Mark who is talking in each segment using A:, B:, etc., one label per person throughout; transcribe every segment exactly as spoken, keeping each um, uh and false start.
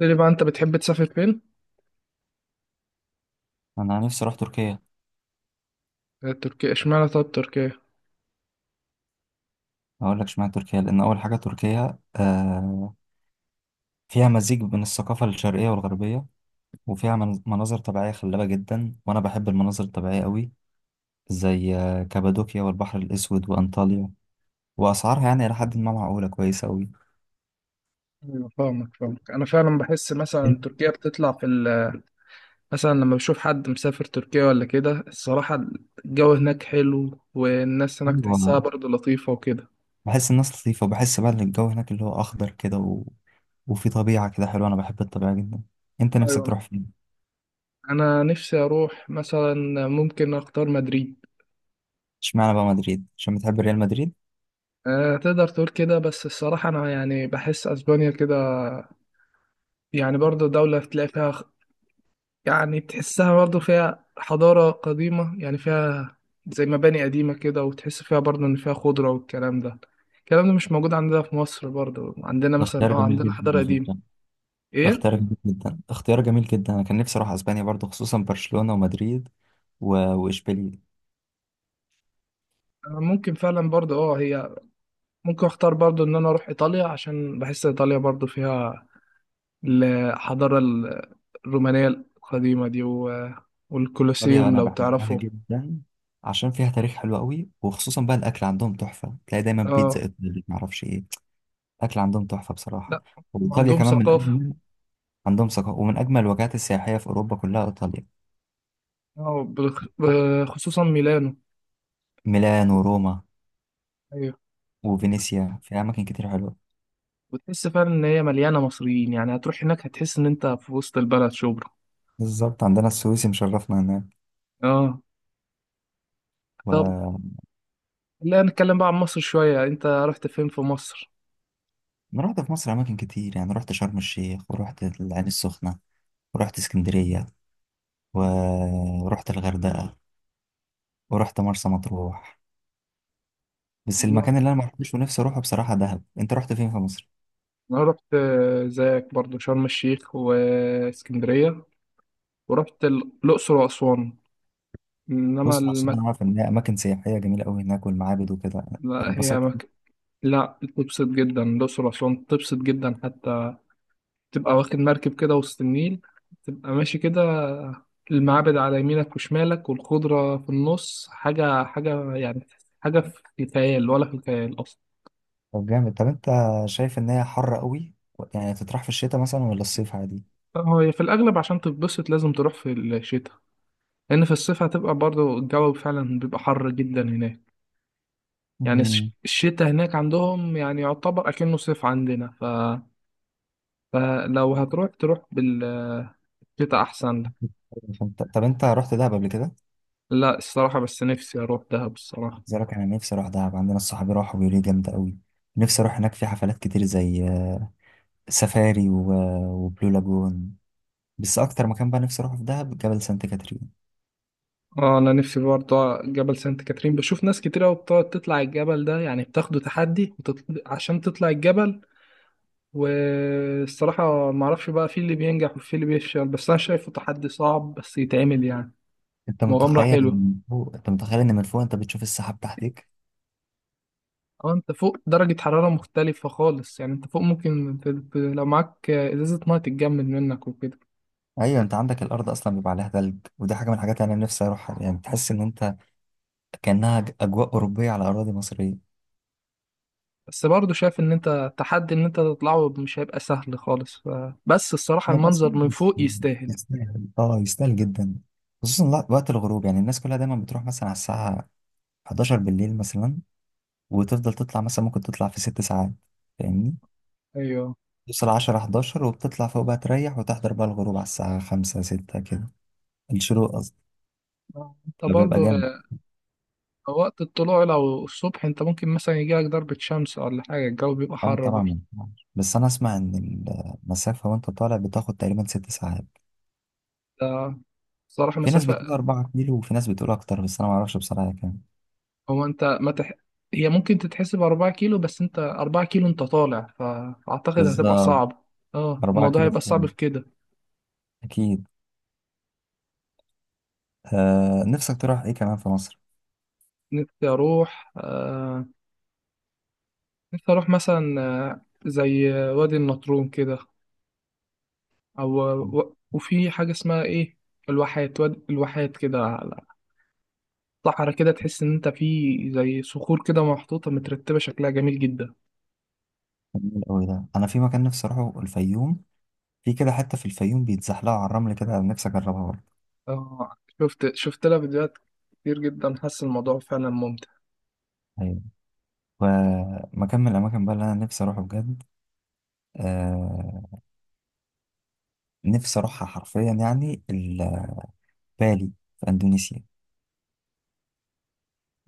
A: لي بقى انت بتحب تسافر فين؟
B: انا نفسي اروح تركيا.
A: آه، تركيا اشمعنى طب تركيا؟
B: هقول لك اشمعنى تركيا لان اول حاجه تركيا آه فيها مزيج بين الثقافه الشرقيه والغربيه، وفيها من- مناظر طبيعيه خلابه جدا، وانا بحب المناظر الطبيعيه قوي، زي آه، كابادوكيا والبحر الاسود وانطاليا. واسعارها يعني الى حد ما معقوله كويسه قوي.
A: ايوه، فاهمك فاهمك. انا فعلا بحس مثلا تركيا بتطلع في ال مثلا لما بشوف حد مسافر تركيا ولا كده. الصراحة الجو هناك حلو والناس هناك
B: ايوه،
A: تحسها برضه لطيفة وكده.
B: بحس الناس لطيفه، وبحس بقى ان الجو هناك اللي هو اخضر كده و... وفي طبيعه كده حلوه، انا بحب الطبيعه جدا. انت
A: ايوه،
B: نفسك تروح فين؟
A: انا نفسي اروح مثلا، ممكن اختار مدريد.
B: اشمعنى بقى مدريد، عشان بتحب ريال مدريد؟
A: أه، تقدر تقول كده، بس الصراحة أنا يعني بحس أسبانيا كده يعني برضه دولة تلاقي فيها، يعني تحسها برضه فيها حضارة قديمة، يعني فيها زي مباني قديمة كده، وتحس فيها برضه إن فيها خضرة والكلام ده. الكلام ده مش موجود عندنا في مصر، برضه عندنا
B: ده
A: مثلا
B: اختيار
A: اه
B: جميل
A: عندنا
B: جدا
A: حضارة
B: على
A: قديمة.
B: فكره. ده اختيار
A: ايه؟
B: جميل جدا اختيار جميل جدا، انا كان نفسي اروح اسبانيا برضو، خصوصا برشلونة ومدريد و- واشبيليه.
A: أنا ممكن فعلا برضه اه هي ممكن اختار برضه ان انا اروح ايطاليا، عشان بحس ايطاليا برضه فيها الحضارة ال- الرومانية القديمة دي، و...
B: ايطاليا
A: والكولوسيوم
B: انا
A: لو
B: بحبها
A: تعرفه.
B: جدا، عشان فيها تاريخ حلو قوي، وخصوصا بقى الاكل عندهم تحفة، تلاقي دايما بيتزا
A: اه.
B: ايطالي معرفش ايه. الاكل عندهم تحفة بصراحة.
A: لا،
B: وايطاليا
A: عندهم
B: كمان من
A: ثقافة.
B: اجمل. عندهم ثقافة ومن اجمل الوجهات السياحية في اوروبا كلها ايطاليا.
A: اه، بخ- بخصوصا ميلانو.
B: ميلان وروما
A: ايوه،
B: وفينيسيا، في اماكن كتير حلوة.
A: وتحس فعلا ان هي مليانه مصريين، يعني هتروح هناك هتحس ان انت في وسط البلد شبرا.
B: بالظبط، عندنا السويسي مشرفنا هناك
A: اه. طب
B: و...
A: لا، نتكلم بقى عن مصر شويه. انت رحت فين في مصر؟
B: انا رحت في مصر اماكن كتير يعني، رحت شرم الشيخ، ورحت العين السخنة، ورحت اسكندرية و- ورحت الغردقة، ورحت مرسى مطروح. بس
A: انا
B: المكان اللي انا ما رحتوش ونفسي اروحه بصراحة دهب. انت رحت فين في مصر؟
A: أنا رحت آه، زيك برضو شرم الشيخ واسكندريه، ورحت ال- الاقصر واسوان. انما
B: بص، عشان
A: المك...
B: انا عارف ان هي اماكن سياحية جميلة قوي هناك، والمعابد وكده.
A: لا هي
B: اتبسطت؟
A: مك... لا، تبسط جدا. الاقصر واسوان تبسط جدا حتى. تبقى واخد مركب كده وسط النيل، تبقى ماشي كده، المعابد على يمينك وشمالك والخضرة في النص. حاجة حاجة يعني، حاجة في خيال ولا في الخيال أصلا.
B: طب جامد. طب انت شايف ان هي حر قوي؟ يعني تطرح في الشتاء مثلا ولا الصيف عادي؟
A: هو هي في الأغلب عشان تتبسط لازم تروح في الشتاء، لأن في الصيف هتبقى برضه الجو فعلا بيبقى حر جدا هناك. يعني
B: مم.
A: الش- الشتاء هناك عندهم يعني يعتبر أكنه صيف عندنا، ف... فلو هتروح تروح بالشتاء، أحسن لك.
B: فانت- طب انت رحت دهب قبل كده؟
A: لا، الصراحة بس نفسي أروح دهب الصراحة.
B: زيك، انا نفسي اروح دهب. عندنا الصحاب راحوا بيقولوا لي جامدة قوي. نفسي اروح هناك، في حفلات كتير زي آه، سفاري و- وبلو لاجون. بس اكتر مكان بقى نفسي اروحه في دهب جبل سانت كاترين.
A: اه، انا نفسي برضه جبل سانت كاترين. بشوف ناس كتير قوي بتقعد تطلع الجبل ده، يعني بتاخده تحدي، وتطل... عشان تطلع الجبل. والصراحة ما اعرفش بقى في اللي بينجح وفي اللي بيفشل، بس انا شايفه تحدي صعب بس يتعمل يعني.
B: انت
A: مغامرة
B: متخيل
A: حلوة.
B: إن فوق انت متخيل ان من فوق انت بتشوف السحاب تحتك.
A: اه، انت فوق درجة حرارة مختلفة خالص، يعني انت فوق ممكن ت... ت- لو معاك ازازة مية تتجمد منك وكده.
B: ايوه، انت عندك الارض اصلا بيبقى عليها ثلج، ودي حاجه من الحاجات اللي انا نفسي اروحها، يعني تحس ان انت كانها ج- اجواء اوروبيه على اراضي مصريه.
A: بس برضه شايف ان انت تحدي، ان انت تطلعه مش هيبقى سهل خالص، ف... بس الصراحة
B: يبقى بس
A: المنظر من
B: بس-
A: فوق يستاهل.
B: يستاهل. اه يستاهل جدا، خصوصا لا- وقت الغروب. يعني الناس كلها دايما بتروح مثلا على الساعه حداشر بالليل مثلا، وتفضل تطلع، مثلا ممكن تطلع في ست ساعات، فاهمني؟
A: ايوه.
B: توصل عشرة حداشر وبتطلع فوق بقى تريح، وتحضر بقى الغروب على الساعه خمسة ستة كده. الشروق قصدي،
A: انت
B: لو بيبقى
A: برضه
B: جامد.
A: وقت الطلوع لو الصبح انت ممكن مثلا يجيلك ضربة شمس ولا حاجة، الجو بيبقى
B: اه
A: حر
B: طبعا
A: برضه.
B: ما ينفعش. بس انا اسمع ان المسافه وانت طالع بتاخد تقريبا ست ساعات.
A: ده صراحة
B: في ناس
A: مسافة.
B: بتقول أربعة كيلو، وفي ناس بتقول اكتر، بس انا ما اعرفش بصراحه هي كام.
A: هو انت ما تح... هي ممكن تتحسب أربعة كيلو، بس انت أربعة كيلو انت طالع، فأعتقد هتبقى
B: بالظبط.
A: صعب. اه،
B: أربعة
A: الموضوع
B: كيلو
A: هيبقى صعب
B: طبعا،
A: في كده.
B: اكيد. آه، نفسك تروح ايه كمان في مصر؟
A: نفسي أروح آه... نفسي أروح مثلا آه، زي وادي النطرون كده، أو و... وفي حاجة اسمها إيه، الواحات، وادي الواحات كده، على صحرا كده تحس إن أنت في زي صخور كده محطوطة مترتبة شكلها جميل جدا.
B: جميل قوي ده. انا في مكان نفسي اروحه الفيوم. في كده حته في الفيوم بيتزحلقوا على الرمل كده، نفسي اجربها برضه.
A: اه، شفت شفت لها فيديوهات كتير جدا، حاسس الموضوع فعلا ممتع.
B: ايوه. ومكان من الاماكن بقى اللي انا نفسي اروحه بجد، آه، نفسي اروحها حرفيا يعني، ال- بالي، في اندونيسيا.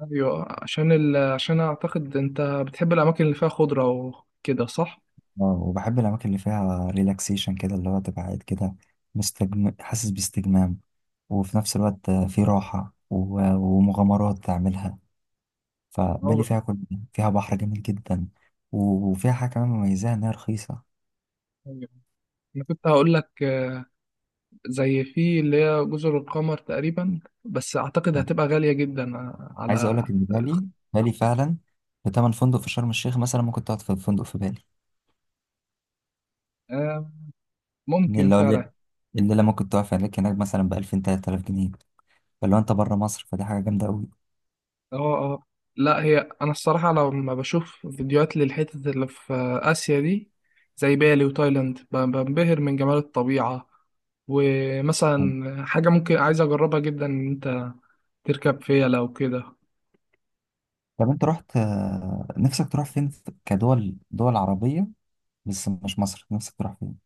A: ايوه، عشان ال... عشان اعتقد انت بتحب الاماكن اللي فيها خضره وكده، صح؟
B: اه، وبحب الأماكن اللي فيها ريلاكسيشن كده، اللي هو تبقى قاعد كده مستجم... حاسس باستجمام، وفي نفس الوقت في راحة و... ومغامرات تعملها. فبالي
A: أو...
B: فيها كل فيها بحر جميل جدا، وفيها حاجة كمان مميزة إنها رخيصة.
A: ايوه، انا كنت هقول لك آه، زي في اللي هي جزر القمر تقريبا، بس اعتقد
B: يعني،
A: هتبقى غاليه جدا آه،
B: عايز أقول
A: على.
B: لك إن بالي، بالي فعلا بتمن فندق في شرم الشيخ مثلا ممكن تقعد في فندق في بالي.
A: آه،
B: إن
A: ممكن
B: اللي هو
A: فعلا.
B: الليل- الليلة ممكن تقعد في هناك هناك مثلا بألفين تلات آلاف جنيه، فلو أنت بره مصر فدي حاجة جامدة أوي.
A: اه اه، لا هي انا الصراحه لما بشوف فيديوهات للحتت اللي في اسيا دي، زي بالي وتايلاند ب- بنبهر من جمال الطبيعه. ومثلا حاجه ممكن عايز اجربها جدا، ان انت تركب فيلا وكده.
B: طب انت رحت، آه، نفسك تروح فين في- كدول دول عربية بس مش مصر، نفسك تروح فين؟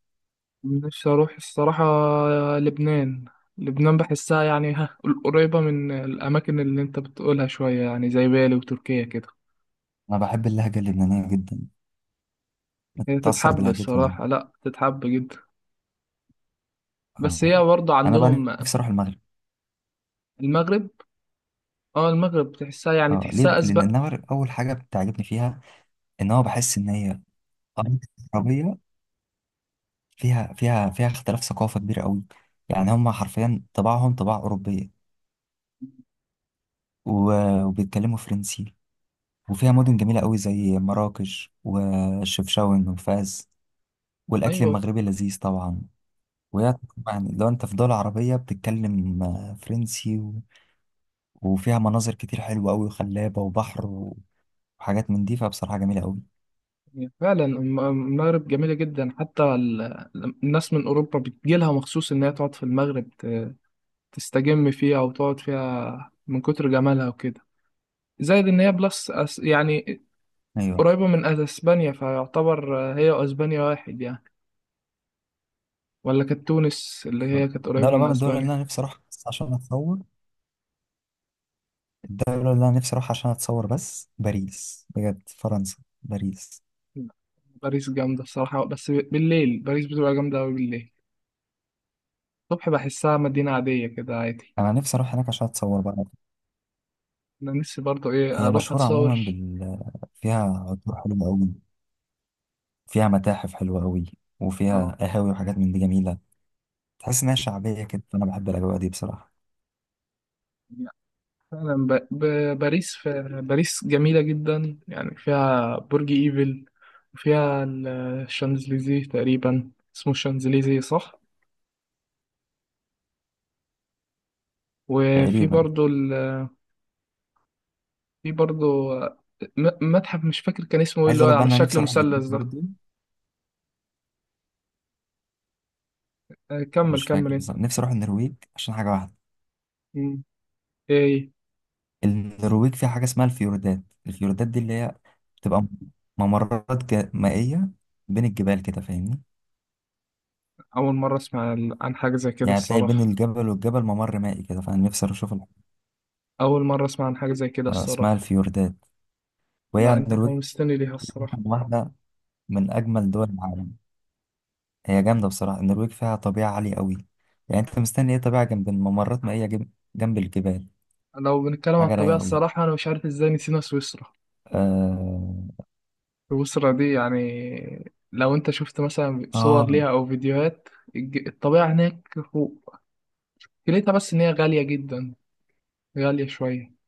A: نفسي اروح الصراحه لبنان. لبنان بحسها يعني ها، قريبه من الاماكن اللي انت بتقولها شويه يعني زي بالي وتركيا كده.
B: انا بحب اللهجة اللبنانية جدا،
A: هي
B: بتأثر
A: تتحب
B: بلهجتهم انا.
A: الصراحه، لا تتحب جدا. بس هي
B: آه،
A: برضه
B: انا بقى
A: عندهم.
B: نفسي اروح المغرب.
A: المغرب. اه، المغرب تحسها يعني
B: اه، ليه
A: تحسها
B: بقى؟ لان
A: أسبق.
B: المغرب اول حاجة بتعجبني فيها ان هو بحس ان هي عربية فيها فيها فيها اختلاف ثقافة كبير قوي، يعني هم حرفيا طباعهم طباع أوروبية، و- وبيتكلموا فرنسي، وفيها مدن جميلة قوي زي مراكش وشفشاون وفاس، والأكل
A: أيوة.
B: المغربي لذيذ طبعا. وهي، يعني لو انت في دول عربية بتتكلم آه، فرنسي و... وفيها مناظر كتير حلوة أوي وخلابة وبحر و- وحاجات من دي، فبصراحة جميلة أوي.
A: فعلا الم- المغرب جميلة جدا، حتى ال- الناس من أوروبا بتجيلها مخصوص إنها تقعد في المغرب، ت- تستجم فيها وتقعد فيها من كتر جمالها وكده. زائد إن هي بلس أس- يعني
B: أيوة.
A: قريبة من أسبانيا، فيعتبر هي وأسبانيا واحد يعني، ولا كانت تونس اللي هي كانت قريبة
B: دولة
A: من
B: بقى من الدول اللي
A: أسبانيا.
B: أنا نفسي أروحها بس عشان أتصور، الدولة اللي أنا نفسي أروحها عشان أتصور بس، باريس بجد، فرنسا، باريس.
A: باريس جامدة الصراحة، بس بالليل باريس بتبقى جامدة أوي. بالليل الصبح بحسها مدينة عادية كده، عادي.
B: أنا نفسي أروح هناك عشان أتصور بقى.
A: أنا نفسي برضه إيه
B: هي
A: أروح
B: مشهورة عموما
A: أتصور.
B: بال، فيها عطور حلوة أوي، فيها متاحف حلوة أوي،
A: اه،
B: وفيها قهاوي وحاجات من دي جميلة. تحس إنها شعبية كده، فأنا بحب الأجواء دي بصراحة.
A: يعني فعلا ب... ب... باريس ف... باريس جميلة جدا، يعني فيها برج ايفل، وفيها ال- الشانزليزيه تقريبا. اسمه الشانزليزيه صح؟ وفي
B: تقريبا.
A: برضو ال... في برضو م... متحف مش فاكر كان اسمه ايه،
B: عايز
A: اللي هو
B: اقول لك بقى
A: على
B: إن انا
A: شكل
B: نفسي اروح النرويج
A: مثلث ده.
B: برضه.
A: آه،
B: أنا
A: كمل
B: مش
A: كمل
B: فاكر
A: انت.
B: بالظبط، نفسي اروح النرويج عشان حاجه واحده.
A: مم. ايه إيه.
B: النرويج فيها حاجه اسمها الفيوردات. الفيوردات دي اللي هي بتبقى ممرات جا- مائيه بين الجبال كده، فاهمني؟
A: اول مرة اسمع عن عن حاجة زي كده
B: يعني هتلاقي بين
A: الصراحة.
B: الجبل والجبل ممر مائي كده، فانا نفسي أروح اشوف ال-
A: اول مرة اسمع عن حاجة زي كده
B: آه، اسمها
A: الصراحة.
B: الفيوردات. وهي
A: لا، انت
B: النرويج
A: حمستني ليها الصراحة.
B: واحده من اجمل دول العالم. هي جامده بصراحه، النرويج فيها طبيعه عاليه قوي، يعني انت مستني ايه؟ طبيعه جنب الممرات مائيه، جنب جنب الجبال،
A: لو بنتكلم على
B: حاجه
A: الطبيعة،
B: رايقه قوي.
A: الصراحة أنا مش عارف إزاي نسينا سويسرا.
B: آه...
A: سويسرا دي يعني لو انت شفت مثلا صور
B: آه
A: ليها او فيديوهات، الج- الطبيعة هناك فوق. ليتها بس ان هي غالية جدا، غالية شوية.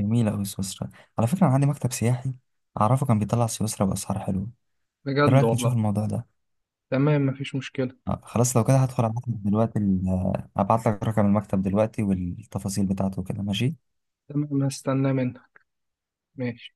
B: جميلة أوي سويسرا. على فكرة أنا عندي مكتب سياحي أعرفه كان بيطلع سويسرا بأسعار حلوة. إيه
A: بجد
B: رأيك نشوف
A: والله.
B: الموضوع ده؟
A: تمام، مفيش مشكلة.
B: آه، خلاص لو كده هدخل أبعت لك دلوقتي ال- آه، أبعت لك رقم المكتب دلوقتي والتفاصيل بتاعته كده، ماشي؟
A: تمام، هستناه منها. ماشي.